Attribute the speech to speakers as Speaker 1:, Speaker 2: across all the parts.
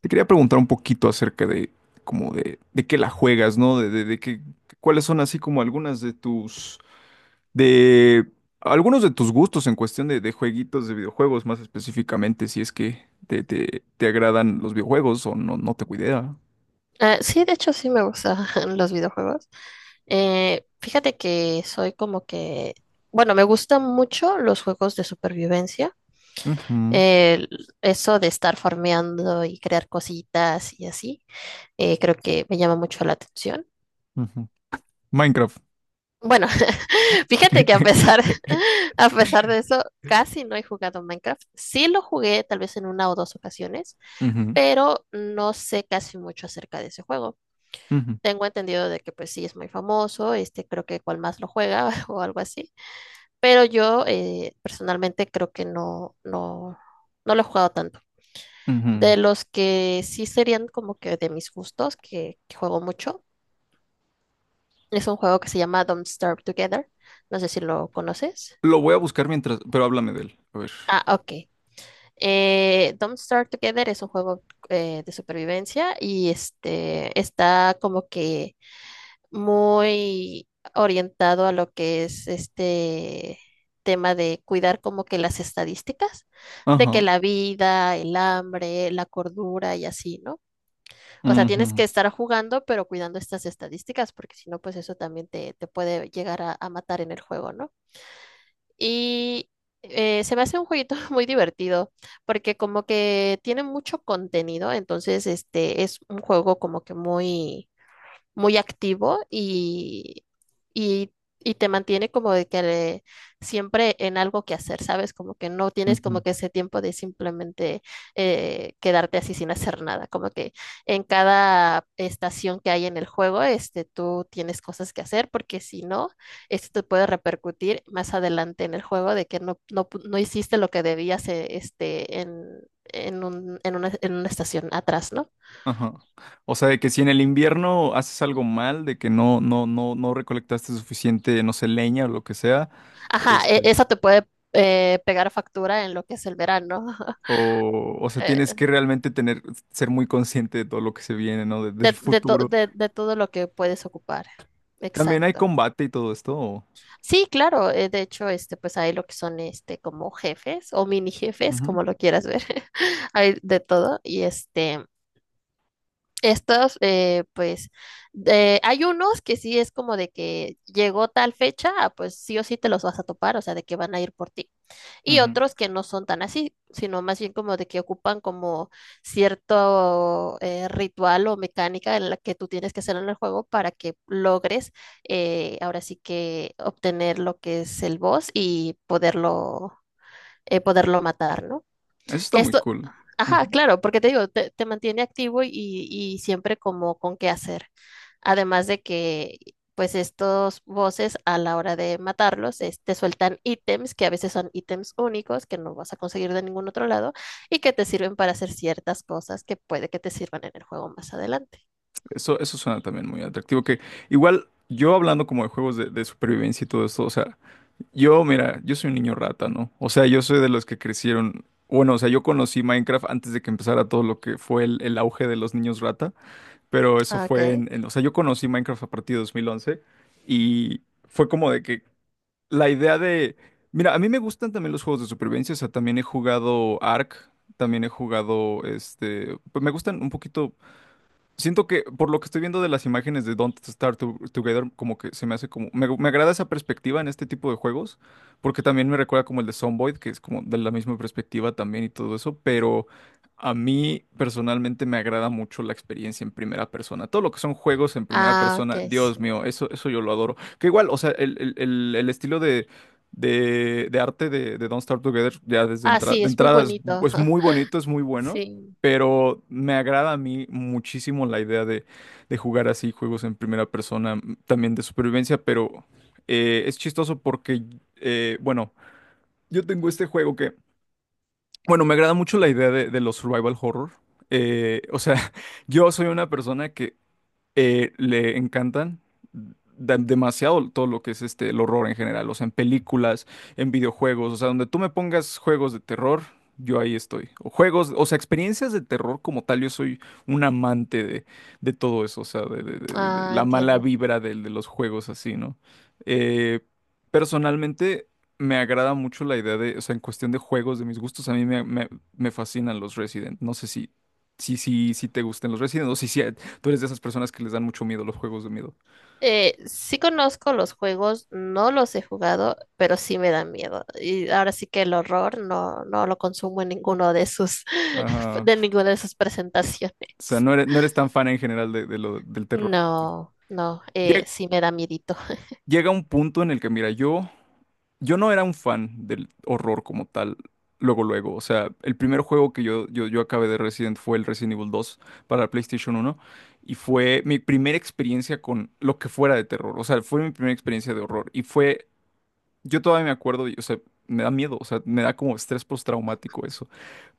Speaker 1: Te quería preguntar un poquito acerca de como de qué la juegas, ¿no? Cuáles son así como algunas de de algunos de tus gustos en cuestión de jueguitos, de videojuegos más específicamente, si es que te agradan los videojuegos o no, no te cuidea.
Speaker 2: Ah, sí, de hecho sí me gustan los videojuegos. Fíjate que soy como que, bueno, me gustan mucho los juegos de supervivencia.
Speaker 1: Ujú,
Speaker 2: El- Eso de estar farmeando y crear cositas y así, creo que me llama mucho la atención.
Speaker 1: ujú. Minecraft.
Speaker 2: Bueno, fíjate que a pesar, a pesar de eso, casi no he jugado Minecraft. Sí lo jugué tal vez en una o dos ocasiones,
Speaker 1: Ujú,
Speaker 2: pero no sé casi mucho acerca de ese juego.
Speaker 1: ujú,
Speaker 2: Tengo entendido de que pues sí es muy famoso, este creo que cual más lo juega o algo así, pero yo personalmente creo que no, no, no lo he jugado tanto.
Speaker 1: ujú.
Speaker 2: De los que sí serían como que de mis gustos, que juego mucho, es un juego que se llama Don't Starve Together, no sé si lo conoces.
Speaker 1: Lo voy a buscar mientras, pero háblame de él. A ver.
Speaker 2: Ah, ok. Don't Starve Together es un juego de supervivencia y este está como que muy orientado a lo que es este tema de cuidar como que las estadísticas, de que
Speaker 1: Ajá.
Speaker 2: la vida, el hambre, la cordura y así, ¿no? O sea, tienes que
Speaker 1: Ujú,
Speaker 2: estar jugando, pero cuidando estas estadísticas, porque si no, pues eso también te puede llegar a matar en el juego, ¿no? Y se me hace un jueguito muy divertido, porque como que tiene mucho contenido, entonces este es un juego como que muy muy activo y, y te mantiene como de que siempre en algo que hacer, ¿sabes? Como que no tienes como
Speaker 1: ujú.
Speaker 2: que ese tiempo de simplemente quedarte así sin hacer nada, como que en cada estación que hay en el juego, este, tú tienes cosas que hacer porque si no, esto te puede repercutir más adelante en el juego de que no, no, no hiciste lo que debías este, en una estación atrás, ¿no?
Speaker 1: Ajá. O sea, de que si en el invierno haces algo mal, de que no recolectaste suficiente, no sé, leña o lo que sea,
Speaker 2: Ajá,
Speaker 1: este,
Speaker 2: esa te puede pegar factura en lo que es el verano,
Speaker 1: o sea, tienes
Speaker 2: eh,
Speaker 1: que realmente tener, ser muy consciente de todo lo que se viene, ¿no? Del
Speaker 2: de, de, to-
Speaker 1: futuro.
Speaker 2: de- de- todo lo que puedes ocupar.
Speaker 1: También hay
Speaker 2: Exacto.
Speaker 1: combate y todo esto.
Speaker 2: Sí, claro, de hecho, este, pues hay lo que son este como jefes o mini jefes,
Speaker 1: Ujú,
Speaker 2: como lo quieras ver. Hay de todo. Y este, estos, eh, pues, hay unos que sí es como de que llegó tal fecha, ah, pues sí o sí te los vas a topar, o sea, de que van a ir por ti. Y
Speaker 1: ujú.
Speaker 2: otros que no son tan así, sino más bien como de que ocupan como cierto ritual o mecánica en la que tú tienes que hacer en el juego para que logres ahora sí que obtener lo que es el boss y poderlo matar, ¿no?
Speaker 1: Eso está muy
Speaker 2: Esto,
Speaker 1: cool.
Speaker 2: ajá,
Speaker 1: Ujú.
Speaker 2: claro, porque te digo, te mantiene activo y siempre como con qué hacer. Además de que, pues estos voces a la hora de matarlos, te sueltan ítems que a veces son ítems únicos que no vas a conseguir de ningún otro lado y que te sirven para hacer ciertas cosas que puede que te sirvan en el juego más adelante.
Speaker 1: Eso suena también muy atractivo. Que igual, yo hablando como de juegos de supervivencia y todo esto, o sea, yo, mira, yo soy un niño rata, ¿no? O sea, yo soy de los que crecieron. Bueno, o sea, yo conocí Minecraft antes de que empezara todo lo que fue el auge de los niños rata, pero eso
Speaker 2: Ah,
Speaker 1: fue.
Speaker 2: ok.
Speaker 1: O sea, yo conocí Minecraft a partir de 2011 y fue como de que la idea de... Mira, a mí me gustan también los juegos de supervivencia, o sea, también he jugado Ark, también he jugado, pues me gustan un poquito. Siento que por lo que estoy viendo de las imágenes de Don't Starve Together, como que se me hace como... Me agrada esa perspectiva en este tipo de juegos, porque también me recuerda como el de Zomboid, que es como de la misma perspectiva también y todo eso, pero a mí personalmente me agrada mucho la experiencia en primera persona. Todo lo que son juegos en primera
Speaker 2: Ah, ok,
Speaker 1: persona, Dios
Speaker 2: sí.
Speaker 1: mío, eso yo lo adoro. Que igual, o sea, el estilo de... De arte de Don't Starve Together, ya desde
Speaker 2: Ah,
Speaker 1: entrada
Speaker 2: sí,
Speaker 1: de
Speaker 2: es muy
Speaker 1: entrada
Speaker 2: bonito.
Speaker 1: es muy bonito, es muy bueno,
Speaker 2: Sí.
Speaker 1: pero me agrada a mí muchísimo la idea de jugar así juegos en primera persona, también de supervivencia, pero es chistoso porque, bueno, yo tengo este juego que, bueno, me agrada mucho la idea de los survival horror. O sea, yo soy una persona que le encantan demasiado todo lo que es el horror en general, o sea, en películas, en videojuegos, o sea, donde tú me pongas juegos de terror, yo ahí estoy. O juegos, o sea, experiencias de terror como tal, yo soy un amante de todo eso, o sea, de
Speaker 2: Ah,
Speaker 1: la mala
Speaker 2: entiendo.
Speaker 1: vibra los juegos así, ¿no? Eh, personalmente me agrada mucho la idea de, o sea, en cuestión de juegos, de mis gustos, a mí me fascinan los Resident. No sé si te gusten los Resident o si, si, tú eres de esas personas que les dan mucho miedo los juegos de miedo.
Speaker 2: Sí conozco los juegos, no los he jugado, pero sí me dan miedo. Y ahora sí que el horror no lo consumo en ninguno de sus,
Speaker 1: Ajá.
Speaker 2: de ninguna de sus presentaciones.
Speaker 1: O sea, no eres tan fan en general del terror.
Speaker 2: No, no,
Speaker 1: Llega,
Speaker 2: sí me da miedito.
Speaker 1: llega un punto en el que, mira, yo no era un fan del horror como tal, luego, luego. O sea, el primer juego que yo acabé de Resident fue el Resident Evil 2 para la PlayStation 1 y fue mi primera experiencia con lo que fuera de terror. O sea, fue mi primera experiencia de horror y fue, yo todavía me acuerdo, y, o sea, me da miedo, o sea, me da como estrés postraumático eso.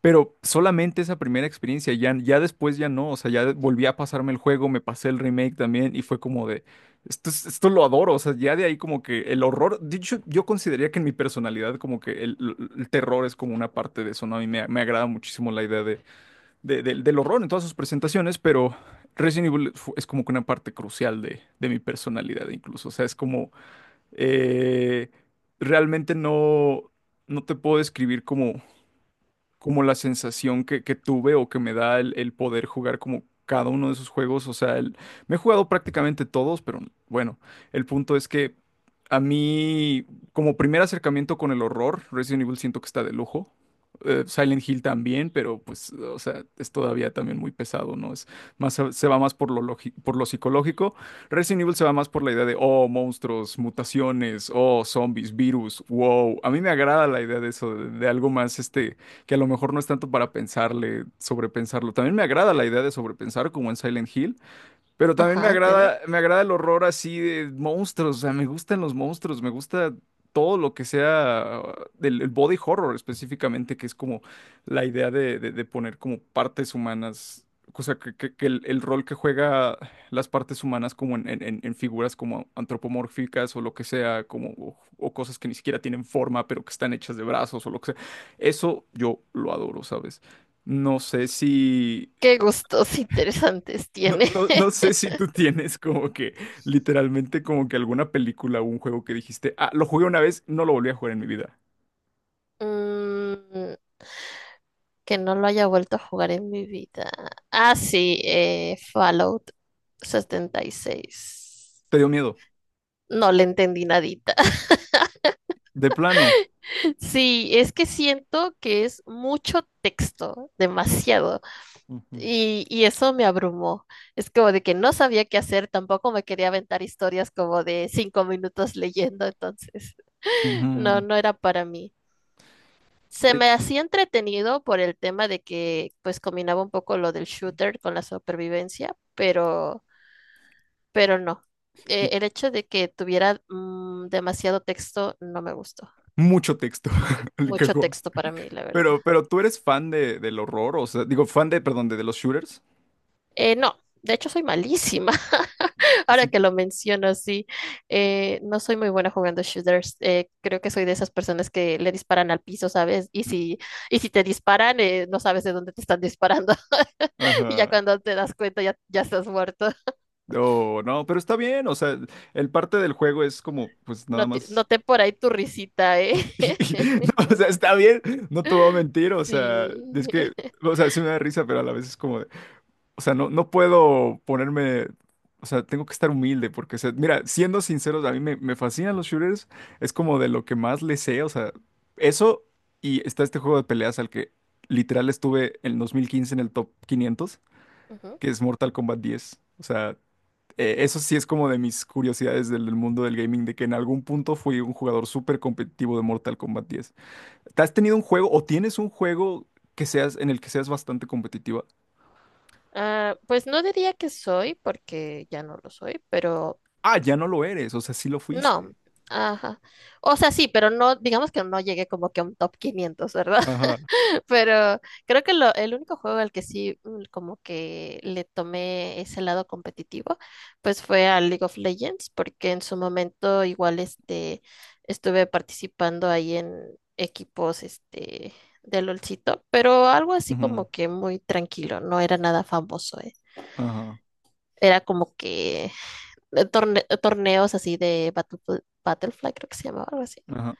Speaker 1: Pero solamente esa primera experiencia, ya, ya después ya no, o sea, ya volví a pasarme el juego, me pasé el remake también y fue como de, esto lo adoro, o sea, ya de ahí como que el horror, de hecho, yo consideraría que en mi personalidad como que el terror es como una parte de eso, ¿no? A mí me agrada muchísimo la idea de, del horror en todas sus presentaciones, pero Resident Evil es como que una parte crucial de mi personalidad incluso, o sea, es como, eh, realmente no te puedo describir como como la sensación que tuve o que me da el poder jugar como cada uno de esos juegos. O sea, me he jugado prácticamente todos, pero bueno, el punto es que a mí, como primer acercamiento con el horror, Resident Evil siento que está de lujo. Silent Hill también, pero pues, o sea, es todavía también muy pesado, ¿no? Es más, se va más por por lo psicológico. Resident Evil se va más por la idea de, oh, monstruos, mutaciones, oh, zombies, virus, wow. A mí me agrada la idea de eso, de algo más, que a lo mejor no es tanto para pensarle, sobrepensarlo. También me agrada la idea de sobrepensar, como en Silent Hill, pero también me
Speaker 2: Ajá, entiendo.
Speaker 1: agrada, me agrada el horror así de monstruos, o sea, me gustan los monstruos, me gusta todo lo que sea del el body horror específicamente, que es como la idea de, de poner como partes humanas, o sea, que el rol que juega las partes humanas como en figuras como antropomórficas o lo que sea, como, o cosas que ni siquiera tienen forma, pero que están hechas de brazos o lo que sea. Eso yo lo adoro, ¿sabes? No sé si...
Speaker 2: Qué gustos interesantes
Speaker 1: No,
Speaker 2: tiene.
Speaker 1: no, no sé si tú tienes como que literalmente como que alguna película o un juego que dijiste, ah, lo jugué una vez, no lo volví a jugar en mi vida.
Speaker 2: Mm, que no lo haya vuelto a jugar en mi vida. Ah, sí, Fallout 76.
Speaker 1: ¿Te dio miedo?
Speaker 2: No le entendí nadita.
Speaker 1: De plano.
Speaker 2: Sí, es que siento que es mucho texto, demasiado,
Speaker 1: Ujú.
Speaker 2: y eso me abrumó. Es como de que no sabía qué hacer, tampoco me quería aventar historias como de 5 minutos leyendo, entonces no,
Speaker 1: Ujú.
Speaker 2: no era para mí. Se
Speaker 1: Eh,
Speaker 2: me hacía entretenido por el tema de que pues combinaba un poco lo del shooter con la supervivencia, pero no.
Speaker 1: Y
Speaker 2: El hecho de que tuviera demasiado texto no me gustó.
Speaker 1: mucho texto le
Speaker 2: Mucho
Speaker 1: cajón.
Speaker 2: texto para mí, la verdad.
Speaker 1: Pero, tú eres fan de, del horror, o sea, digo, fan de, perdón, de los shooters.
Speaker 2: No, de hecho soy malísima.
Speaker 1: Y
Speaker 2: Ahora
Speaker 1: sí.
Speaker 2: que lo menciono así, no soy muy buena jugando shooters. Creo que soy de esas personas que le disparan al piso, ¿sabes? Y si te disparan, no sabes de dónde te están disparando. Y ya
Speaker 1: Ajá.
Speaker 2: cuando te das cuenta, ya estás muerto.
Speaker 1: No, no, pero está bien, o sea, el parte del juego es como, pues nada
Speaker 2: No te-
Speaker 1: más.
Speaker 2: Noté por ahí tu risita, ¿eh?
Speaker 1: No, o sea, está bien, no te voy a mentir, o sea,
Speaker 2: Sí.
Speaker 1: es que, o sea, sí me da risa, pero a la vez es como, de, o sea, no puedo ponerme, o sea, tengo que estar humilde, porque, o sea, mira, siendo sinceros, a mí me fascinan los shooters, es como de lo que más le sé, o sea, eso, y está este juego de peleas al que literal estuve en 2015 en el top 500,
Speaker 2: Ujú.
Speaker 1: que es Mortal Kombat 10, o sea, eso sí es como de mis curiosidades del mundo del gaming, de que en algún punto fui un jugador súper competitivo de Mortal Kombat 10. ¿Has tenido un juego o tienes un juego que seas en el que seas bastante competitiva?
Speaker 2: Ah, pues no diría que soy, porque ya no lo soy, pero
Speaker 1: Ah, ya no lo eres, o sea, sí lo fuiste.
Speaker 2: no. Ajá. O sea, sí, pero no, digamos que no llegué como que a un top 500, ¿verdad?
Speaker 1: Ajá.
Speaker 2: Pero creo que el único juego al que sí como que le tomé ese lado competitivo, pues fue al League of Legends, porque en su momento igual este estuve participando ahí en equipos este de LOLcito, pero algo así
Speaker 1: Ujú.
Speaker 2: como que muy tranquilo, no era nada famoso, eh.
Speaker 1: Ajá.
Speaker 2: Era como que torneos así de Battlefly, creo que se llamaba algo así.
Speaker 1: Ajá.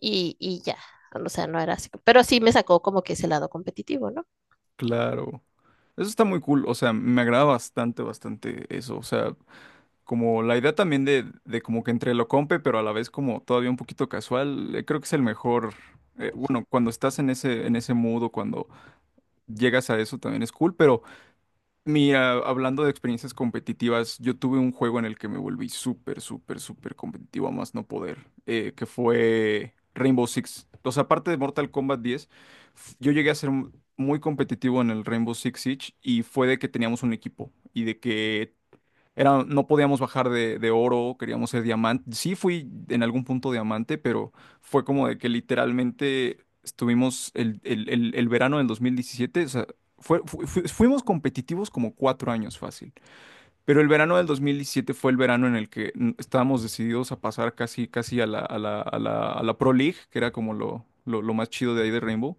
Speaker 2: Y ya, o sea, no era así. Pero sí me sacó como que ese lado competitivo, ¿no?
Speaker 1: Claro. Eso está muy cool, o sea, me agrada bastante, bastante eso, o sea, como la idea también de como que entre lo compe, pero a la vez como todavía un poquito casual, creo que es el mejor, bueno, cuando estás en ese mood o cuando llegas a eso también es cool, pero mira, hablando de experiencias competitivas, yo tuve un juego en el que me volví súper, súper, súper competitivo a más no poder, que fue Rainbow Six. O sea, aparte de Mortal Kombat 10, yo llegué a ser muy competitivo en el Rainbow Six Siege y fue de que teníamos un equipo y de que era, no podíamos bajar de oro, queríamos ser diamante. Sí fui en algún punto diamante, pero fue como de que literalmente estuvimos el verano del 2017, o sea, fuimos competitivos como 4 años fácil. Pero el verano del 2017 fue el verano en el que estábamos decididos a pasar casi, casi a la Pro League, que era como lo más chido de ahí de Rainbow.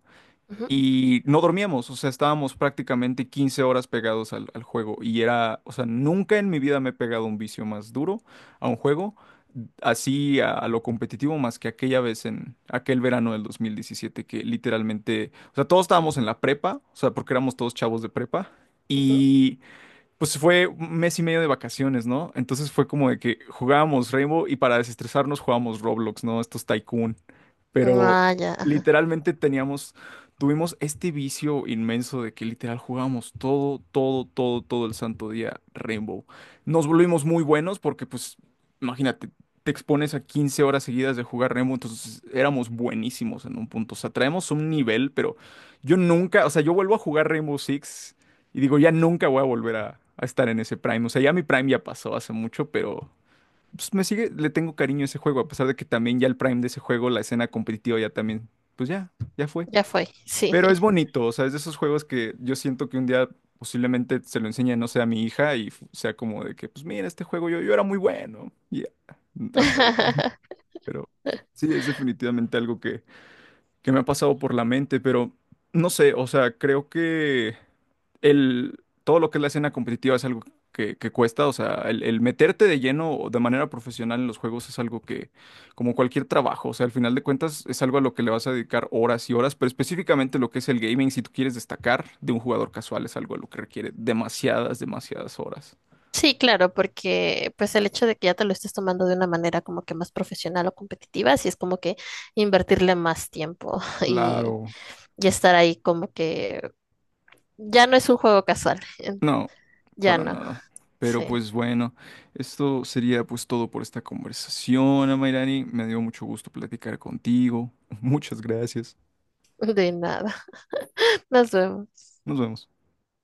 Speaker 2: Ujú,
Speaker 1: Y no dormíamos, o sea, estábamos prácticamente 15 horas pegados al juego. Y era, o sea, nunca en mi vida me he pegado un vicio más duro a un juego, así a lo competitivo, más que aquella vez en aquel verano del 2017, que literalmente, o sea, todos estábamos en la prepa, o sea, porque éramos todos chavos de prepa.
Speaker 2: ujú.
Speaker 1: Y pues fue un mes y medio de vacaciones, ¿no? Entonces fue como de que jugábamos Rainbow y para desestresarnos jugábamos Roblox, ¿no? Estos Tycoon. Pero
Speaker 2: Ah, ya, ajá,
Speaker 1: literalmente teníamos, tuvimos este vicio inmenso de que literal jugábamos todo, todo, todo, todo el santo día Rainbow. Nos volvimos muy buenos porque, pues, imagínate, te expones a 15 horas seguidas de jugar Rainbow, entonces éramos buenísimos en un punto. O sea, traemos un nivel, pero yo nunca, o sea, yo vuelvo a jugar Rainbow Six. Y digo, ya nunca voy a volver a estar en ese Prime. O sea, ya mi Prime ya pasó hace mucho, pero pues me sigue, le tengo cariño a ese juego, a pesar de que también ya el Prime de ese juego, la escena competitiva ya también, pues ya, ya fue.
Speaker 2: ya fue, sí.
Speaker 1: Pero es bonito, o sea, es de esos juegos que yo siento que un día posiblemente se lo enseñe, no sé, a mi hija y sea como de que, pues mira, este juego yo era muy bueno. Y ya, hasta ahí. Pero sí, es definitivamente algo que me ha pasado por la mente, pero no sé, o sea, creo que todo lo que es la escena competitiva es algo que cuesta, o sea, el meterte de lleno de manera profesional en los juegos es algo que, como cualquier trabajo, o sea, al final de cuentas es algo a lo que le vas a dedicar horas y horas, pero específicamente lo que es el gaming, si tú quieres destacar de un jugador casual, es algo a lo que requiere demasiadas, demasiadas horas.
Speaker 2: Sí, claro, porque pues el hecho de que ya te lo estés tomando de una manera como que más profesional o competitiva, sí es como que invertirle más tiempo y,
Speaker 1: Claro.
Speaker 2: y estar ahí como que ya no es un juego casual,
Speaker 1: No,
Speaker 2: ya
Speaker 1: para
Speaker 2: no,
Speaker 1: nada. Pero
Speaker 2: sí,
Speaker 1: pues bueno, esto sería pues todo por esta conversación, Amairani. Me dio mucho gusto platicar contigo. Muchas gracias.
Speaker 2: de nada. Nos vemos.
Speaker 1: Nos vemos.